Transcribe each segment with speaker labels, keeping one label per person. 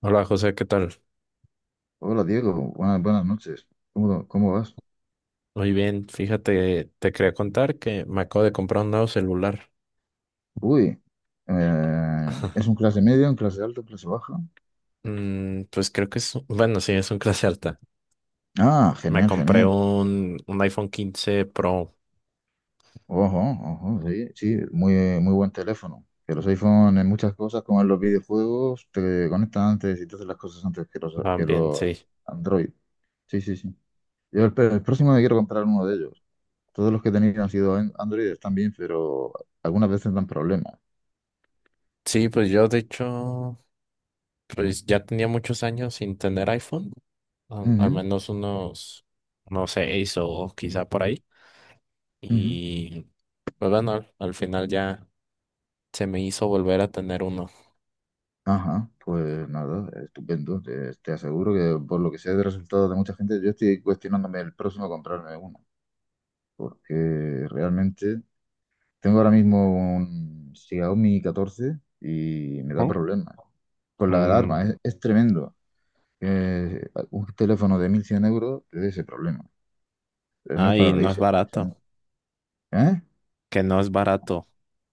Speaker 1: Hola José, ¿qué tal?
Speaker 2: Hola Diego, buenas, buenas noches. ¿Cómo vas?
Speaker 1: Muy bien, fíjate, te quería contar que me acabo de comprar un nuevo celular.
Speaker 2: Uy, ¿es un clase media, un clase alto, clase baja?
Speaker 1: Pues creo que es, bueno, sí, es un clase alta.
Speaker 2: Ah,
Speaker 1: Me
Speaker 2: genial,
Speaker 1: compré
Speaker 2: genial.
Speaker 1: un iPhone 15 Pro
Speaker 2: Ojo, ojo, sí, sí, muy, muy buen teléfono. Que los iPhone en muchas cosas, como en los videojuegos, te conectan antes y te hacen las cosas antes que los, que
Speaker 1: también, sí.
Speaker 2: los Android. Sí, sí, sí. Yo el próximo me quiero comprar uno de ellos. Todos los que he tenido han sido Android, están bien, pero algunas veces dan problemas.
Speaker 1: Sí, pues yo de hecho, pues ya tenía muchos años sin tener iPhone, al
Speaker 2: Ujú,
Speaker 1: menos unos, no sé, seis o quizá por ahí.
Speaker 2: ujú.
Speaker 1: Y pues bueno, al final ya se me hizo volver a tener uno.
Speaker 2: Ajá, pues nada, estupendo. Te aseguro que por lo que sé de resultados de mucha gente, yo estoy cuestionándome el próximo a comprarme uno, porque realmente tengo ahora mismo un Xiaomi 14 y me da
Speaker 1: Ujú.
Speaker 2: problemas con la
Speaker 1: Mm.
Speaker 2: alarma. Es tremendo que un teléfono de 1100 euros te dé ese problema. No es
Speaker 1: Ah, y
Speaker 2: para
Speaker 1: no es
Speaker 2: reírse
Speaker 1: barato.
Speaker 2: precisamente. ¿Eh?
Speaker 1: Que no es barato.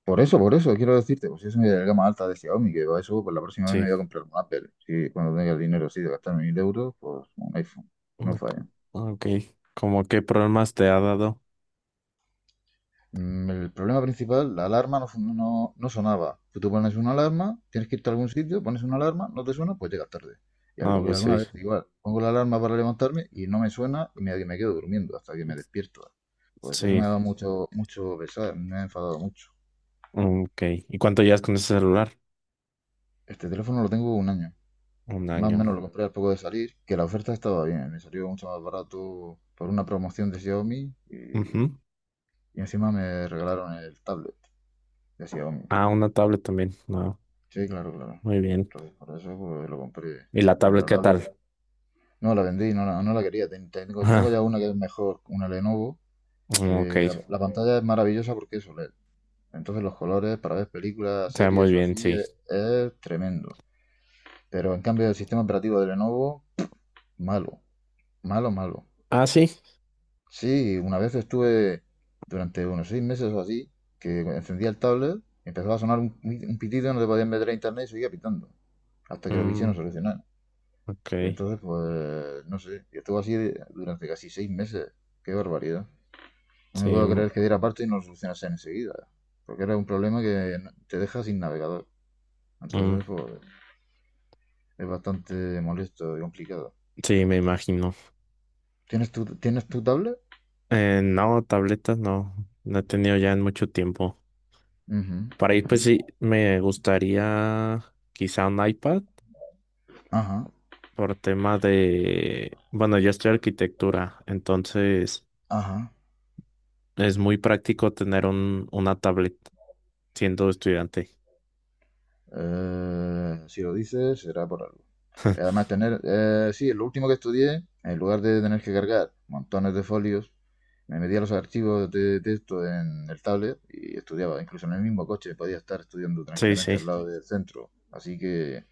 Speaker 2: Por eso, quiero decirte, pues es una gama alta de Xiaomi, que va eso, pues la próxima vez me
Speaker 1: Sí.
Speaker 2: voy a comprar un Apple. Sí, cuando tenga el dinero así de gastarme 1000 euros, pues un iPhone, que no
Speaker 1: Ok.
Speaker 2: falla.
Speaker 1: Ok. ¿Cómo qué problemas te ha dado?
Speaker 2: El problema principal, la alarma no, no sonaba. Tú te pones una alarma, tienes que irte a algún sitio, pones una alarma, no te suena, pues llegas tarde. Y
Speaker 1: Ah,
Speaker 2: o
Speaker 1: pues
Speaker 2: alguna
Speaker 1: sí.
Speaker 2: vez igual, pongo la alarma para levantarme y no me suena y me quedo durmiendo hasta que me despierto. Pues eso
Speaker 1: Sí.
Speaker 2: me ha dado mucho, mucho pesar, me ha enfadado mucho.
Speaker 1: Ok. ¿Y cuánto llevas con ese celular?
Speaker 2: Este teléfono lo tengo un año.
Speaker 1: Un
Speaker 2: Más o
Speaker 1: año.
Speaker 2: menos lo compré al poco de salir, que la oferta estaba bien, me salió mucho más barato por una promoción de Xiaomi y,
Speaker 1: Ujú.
Speaker 2: y encima me regalaron el tablet de Xiaomi.
Speaker 1: Ah, una tablet también. No.
Speaker 2: Sí, claro, claro.
Speaker 1: Muy bien.
Speaker 2: Entonces por eso pues, lo compré.
Speaker 1: ¿Y la
Speaker 2: Y
Speaker 1: tablet
Speaker 2: la
Speaker 1: qué
Speaker 2: tablet
Speaker 1: tal?
Speaker 2: no la vendí, no la quería. Tengo
Speaker 1: Ah,
Speaker 2: ya una que es mejor, una Lenovo, que
Speaker 1: mm, ok.
Speaker 2: la pantalla es maravillosa porque es OLED. Entonces los colores para ver películas,
Speaker 1: Se ve muy
Speaker 2: series o
Speaker 1: bien,
Speaker 2: así
Speaker 1: sí.
Speaker 2: es tremendo. Pero en cambio el sistema operativo de Lenovo, malo, malo, malo.
Speaker 1: Ah, sí.
Speaker 2: Sí, una vez estuve durante unos 6 meses o así, que encendía el tablet, empezaba a sonar un pitido, no te podías meter a internet y seguía pitando, hasta que lo quisieron
Speaker 1: Mm,
Speaker 2: solucionar.
Speaker 1: ok.
Speaker 2: Y entonces, pues, no sé, y estuvo durante casi 6 meses. Qué barbaridad. No me
Speaker 1: Sí.
Speaker 2: puedo
Speaker 1: Mm,
Speaker 2: creer que diera parte y no lo solucionase enseguida, porque era un problema que te deja sin navegador.
Speaker 1: mm,
Speaker 2: Entonces, pues, es bastante molesto y complicado.
Speaker 1: sí, me imagino.
Speaker 2: ¿Tienes tu tablet?
Speaker 1: No, tabletas no. No he tenido ya en mucho tiempo.
Speaker 2: Ujú,
Speaker 1: Para ir,
Speaker 2: ujú.
Speaker 1: pues sí, me gustaría quizá un iPad.
Speaker 2: Ajá,
Speaker 1: Por tema de, bueno, yo estoy arquitectura, entonces
Speaker 2: ajá.
Speaker 1: es muy práctico tener una tablet siendo estudiante.
Speaker 2: Si lo dices, será por algo. Además, tener, sí, lo último que estudié, en lugar de tener que cargar montones de folios, me metía los archivos de texto en el tablet y estudiaba. Incluso en el mismo coche podía estar estudiando
Speaker 1: Sí,
Speaker 2: tranquilamente
Speaker 1: sí.
Speaker 2: al lado del centro. Así que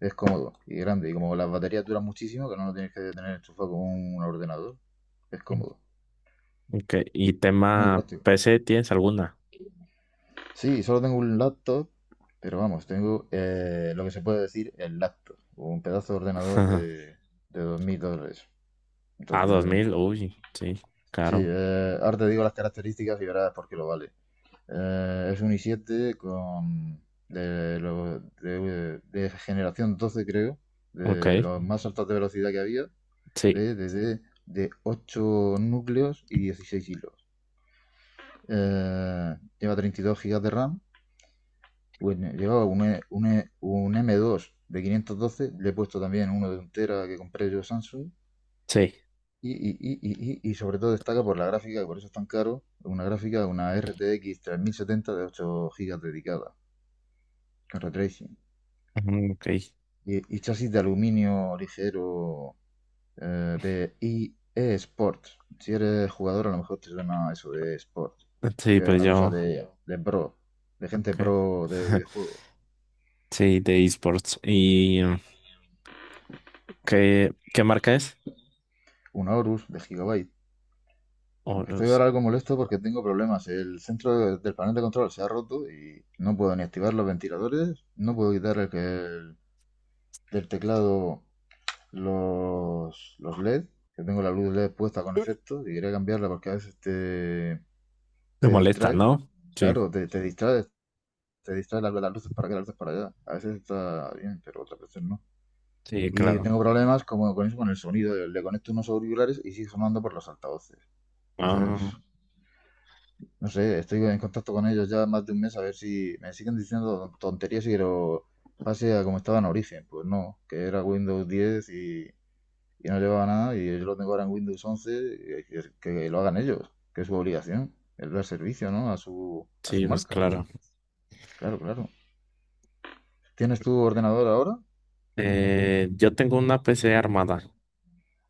Speaker 2: es cómodo y grande. Y como las baterías duran muchísimo, que no lo tienes que tener enchufado con un ordenador, es cómodo.
Speaker 1: Ok, ¿y
Speaker 2: Muy
Speaker 1: tema
Speaker 2: práctico.
Speaker 1: PC tienes alguna?
Speaker 2: Sí, solo tengo un laptop, pero vamos, tengo lo que se puede decir el laptop, o un pedazo de ordenador de 2000 dólares.
Speaker 1: A dos
Speaker 2: Entonces,
Speaker 1: mil uy, sí,
Speaker 2: sí,
Speaker 1: caro.
Speaker 2: ahora te digo las características y verás por qué lo vale. Es un i7 con de generación 12 creo,
Speaker 1: Ok,
Speaker 2: de los más altos de velocidad que había,
Speaker 1: sí,
Speaker 2: de, desde de 8 núcleos y 16 hilos. Lleva 32 gigas de RAM. Pues me llevaba un M2 de 512, le he puesto también uno de un tera que compré yo Samsung.
Speaker 1: sí.
Speaker 2: Y sobre todo destaca por la gráfica, que por eso es tan caro, una gráfica, una RTX 3070 de 8 GB dedicada, con retracing.
Speaker 1: Ujú, ok,
Speaker 2: Y chasis de aluminio ligero, de IE Sport. Si eres jugador, a lo mejor te suena eso de Sport,
Speaker 1: sí,
Speaker 2: que es
Speaker 1: pues
Speaker 2: una, sí, cosa
Speaker 1: yo,
Speaker 2: de pro, de
Speaker 1: ok.
Speaker 2: gente pro de videojuegos.
Speaker 1: Sí, de esports. ¿Y qué marca es?
Speaker 2: Un Aorus de Gigabyte.
Speaker 1: O
Speaker 2: Aunque estoy
Speaker 1: los-
Speaker 2: ahora algo molesto porque tengo problemas. El centro del panel de control se ha roto y no puedo ni activar los ventiladores, no puedo quitar del teclado los LED, que tengo la luz LED puesta con efecto y quería cambiarla porque a veces te,
Speaker 1: te
Speaker 2: te
Speaker 1: molesta,
Speaker 2: distrae.
Speaker 1: ¿no? Sí,
Speaker 2: Claro, te distrae, te distrae las luces para acá, las luces para allá. A veces está bien, pero otras veces no.
Speaker 1: sí,
Speaker 2: Y
Speaker 1: claro.
Speaker 2: tengo problemas como con eso, con el sonido. Le conecto unos auriculares y sigue sonando por los altavoces. Entonces,
Speaker 1: Ah,
Speaker 2: no sé, estoy en contacto con ellos ya más de un mes a ver si me siguen diciendo tonterías y que lo pase a como estaba en origen. Pues no, que era Windows 10 y no llevaba nada y yo lo tengo ahora en Windows 11 y que lo hagan ellos, que es su obligación, es dar servicio, ¿no? A su
Speaker 1: sí, pues
Speaker 2: marca.
Speaker 1: claro.
Speaker 2: Claro, claro. ¿Tienes tu ordenador ahora?
Speaker 1: Yo tengo una PC armada.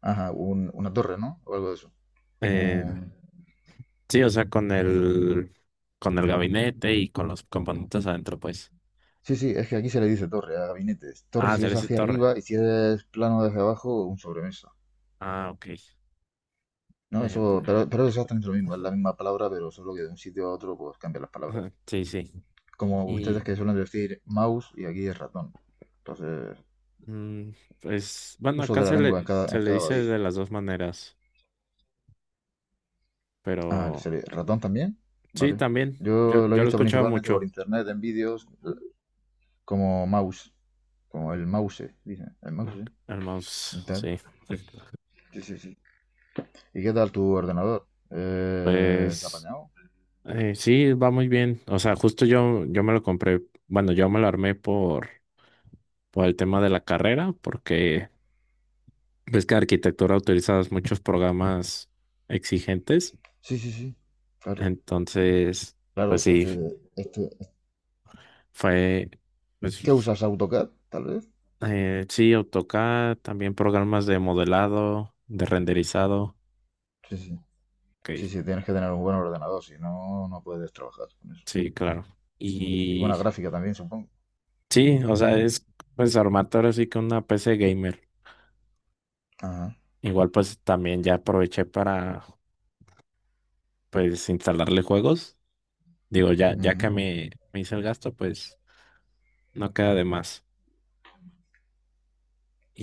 Speaker 2: Ajá, una torre, ¿no? O algo de eso.
Speaker 1: Eh,
Speaker 2: Un-
Speaker 1: sí, o sea, con el gabinete y con los componentes adentro, pues.
Speaker 2: Sí, sí, es que aquí se le dice torre a gabinetes. Torre
Speaker 1: Ah,
Speaker 2: si es
Speaker 1: Celeste
Speaker 2: hacia
Speaker 1: Torre.
Speaker 2: arriba y si es plano desde abajo, un sobremesa.
Speaker 1: Ah, ok.
Speaker 2: No, eso,
Speaker 1: Pues,
Speaker 2: pero es exactamente lo mismo, es la misma palabra, pero solo que de un sitio a otro pues cambian las palabras.
Speaker 1: ajá, sí, sí.
Speaker 2: Como ustedes
Speaker 1: Y
Speaker 2: que suelen decir mouse y aquí es ratón. Entonces,
Speaker 1: mm, pues, bueno,
Speaker 2: uso
Speaker 1: acá
Speaker 2: de la
Speaker 1: se le,
Speaker 2: lengua en cada,
Speaker 1: se
Speaker 2: en
Speaker 1: le
Speaker 2: cada
Speaker 1: dice
Speaker 2: país.
Speaker 1: de las dos maneras,
Speaker 2: Ah, ¿le
Speaker 1: pero
Speaker 2: sale ratón también?
Speaker 1: sí,
Speaker 2: Vale.
Speaker 1: también. Yo,
Speaker 2: Yo lo he
Speaker 1: yo lo he
Speaker 2: visto
Speaker 1: escuchado
Speaker 2: principalmente por
Speaker 1: mucho.
Speaker 2: internet, en vídeos, como mouse, como el mouse, dicen, el mouse,
Speaker 1: Ok,
Speaker 2: ¿eh?
Speaker 1: el mouse,
Speaker 2: Y tal.
Speaker 1: sí.
Speaker 2: Sí, sí, sí. ¿Y qué tal tu ordenador? ¿Se ha
Speaker 1: Pues
Speaker 2: apañado?
Speaker 1: sí, va muy bien. O sea, justo yo me lo compré, bueno, yo me lo armé por el tema de la carrera, porque ves que arquitectura utilizas muchos programas exigentes,
Speaker 2: Sí, sí, sí, claro.
Speaker 1: entonces,
Speaker 2: Claro,
Speaker 1: pues
Speaker 2: sí.
Speaker 1: sí,
Speaker 2: Esto-
Speaker 1: fue,
Speaker 2: ¿Qué
Speaker 1: pues
Speaker 2: usas AutoCAD, tal vez?
Speaker 1: sí, AutoCAD, también programas de modelado, de renderizado,
Speaker 2: Sí, sí. Sí,
Speaker 1: ok,
Speaker 2: sí, tienes que tener un buen ordenador, si no, no puedes trabajar con eso.
Speaker 1: sí, claro.
Speaker 2: Y
Speaker 1: Y
Speaker 2: buena gráfica también, supongo.
Speaker 1: sí, o sea, es pues armarte ahora sí que una PC gamer.
Speaker 2: Ajá,
Speaker 1: Igual pues también ya aproveché para pues instalarle juegos. Digo, ya que
Speaker 2: ujú,
Speaker 1: me hice el gasto, pues no queda de más.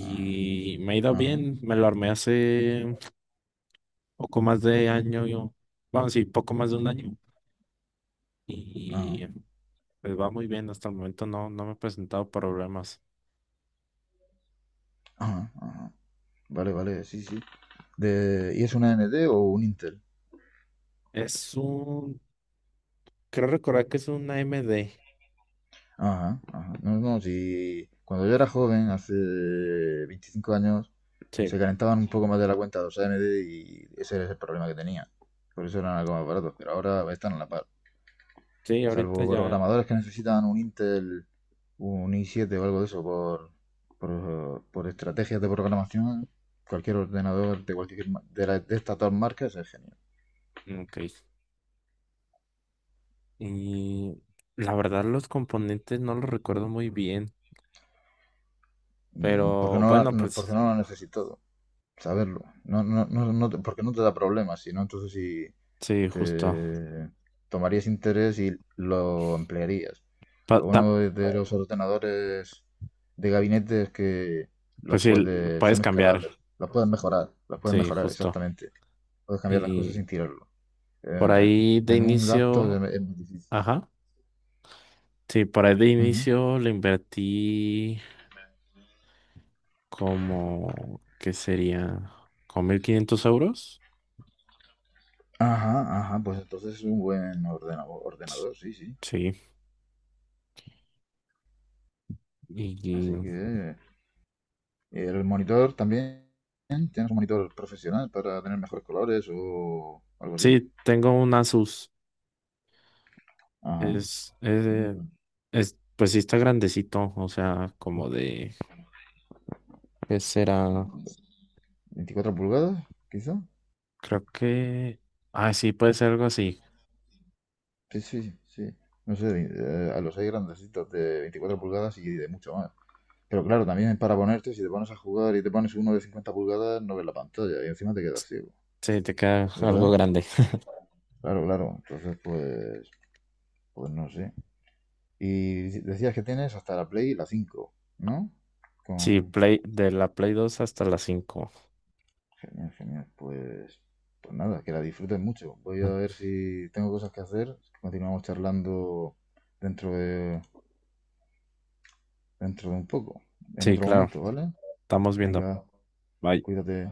Speaker 2: ajá,
Speaker 1: me ha ido
Speaker 2: ajá,
Speaker 1: bien, me lo armé hace poco más de año, yo, bueno, sí, poco más de un año.
Speaker 2: ajá,
Speaker 1: Y pues va muy bien, hasta el momento no, no me he presentado problemas.
Speaker 2: ajá, ajá. Vale, vale, sí, sí. ¿Y es una A N AMD o un Intel?
Speaker 1: Es un, creo recordar que es un AMD.
Speaker 2: Ajá, ajá. No, no, si cuando yo era joven, hace 25 años,
Speaker 1: Sí,
Speaker 2: se calentaban un poco más de la cuenta los AMD y ese era el problema que tenía. Por eso eran algo más baratos, pero ahora están a la par.
Speaker 1: sí, ahorita
Speaker 2: Salvo
Speaker 1: ya.
Speaker 2: programadores que necesitan un Intel, un i7 o algo de eso por estrategias de programación, cualquier ordenador de cualquier de estas dos marcas es genial.
Speaker 1: Mm, ok. Y la verdad los componentes no los recuerdo muy bien,
Speaker 2: Porque
Speaker 1: pero
Speaker 2: no,
Speaker 1: bueno,
Speaker 2: porque
Speaker 1: pues
Speaker 2: no lo necesito saberlo. No, no, no, no porque no te da problemas, sino entonces si
Speaker 1: sí, justo.
Speaker 2: te tomarías interés y lo emplearías.
Speaker 1: Pa-
Speaker 2: Lo
Speaker 1: ta-
Speaker 2: bueno de los ordenadores de gabinete es que los
Speaker 1: Pues sí,
Speaker 2: puedes,
Speaker 1: puedes
Speaker 2: son
Speaker 1: cambiar,
Speaker 2: escalables, los puedes
Speaker 1: sí,
Speaker 2: mejorar,
Speaker 1: justo.
Speaker 2: exactamente. Puedes cambiar las cosas
Speaker 1: Y
Speaker 2: sin tirarlo.
Speaker 1: por
Speaker 2: eh,
Speaker 1: ahí de
Speaker 2: en un laptop
Speaker 1: inicio.
Speaker 2: es más difícil.
Speaker 1: Ajá. Sí, por ahí de
Speaker 2: Ujú.
Speaker 1: inicio le invertí como, ¿qué sería? ¿Con 1.500 euros?
Speaker 2: Ajá, ajá, pues entonces es un buen ordenador, sí, sí.
Speaker 1: Sí.
Speaker 2: Así
Speaker 1: Y
Speaker 2: que el monitor también, ¿tienes un monitor profesional para tener mejores colores o algo así?
Speaker 1: sí, tengo un Asus.
Speaker 2: Ajá.
Speaker 1: Es, es,
Speaker 2: Mm,
Speaker 1: pues sí está grandecito, o sea, como de, ¿qué será?
Speaker 2: ¿24 pulgadas, quizá?
Speaker 1: Creo que, ah, sí, puede ser algo así.
Speaker 2: Sí, sí, sí. No sé, a los hay grandecitos de 24 pulgadas y de mucho más. Pero claro, también para ponerte, si te pones a jugar y te pones uno de 50 pulgadas, no ves la pantalla y encima te quedas ciego,
Speaker 1: Sí, te queda algo
Speaker 2: ¿verdad?
Speaker 1: grande.
Speaker 2: Claro, claro. Entonces, pues no sé. Y decías que tienes hasta la Play la 5, ¿no?
Speaker 1: Sí,
Speaker 2: Con...
Speaker 1: Play, de la Play 2 hasta la 5.
Speaker 2: Genial, genial. Pues nada, que la disfrutes mucho. Voy a ver si tengo cosas que hacer. Continuamos charlando dentro de, dentro de un poco, en
Speaker 1: Sí,
Speaker 2: otro
Speaker 1: claro,
Speaker 2: momento, ¿vale?
Speaker 1: estamos viendo.
Speaker 2: Venga,
Speaker 1: Bye.
Speaker 2: cuídate.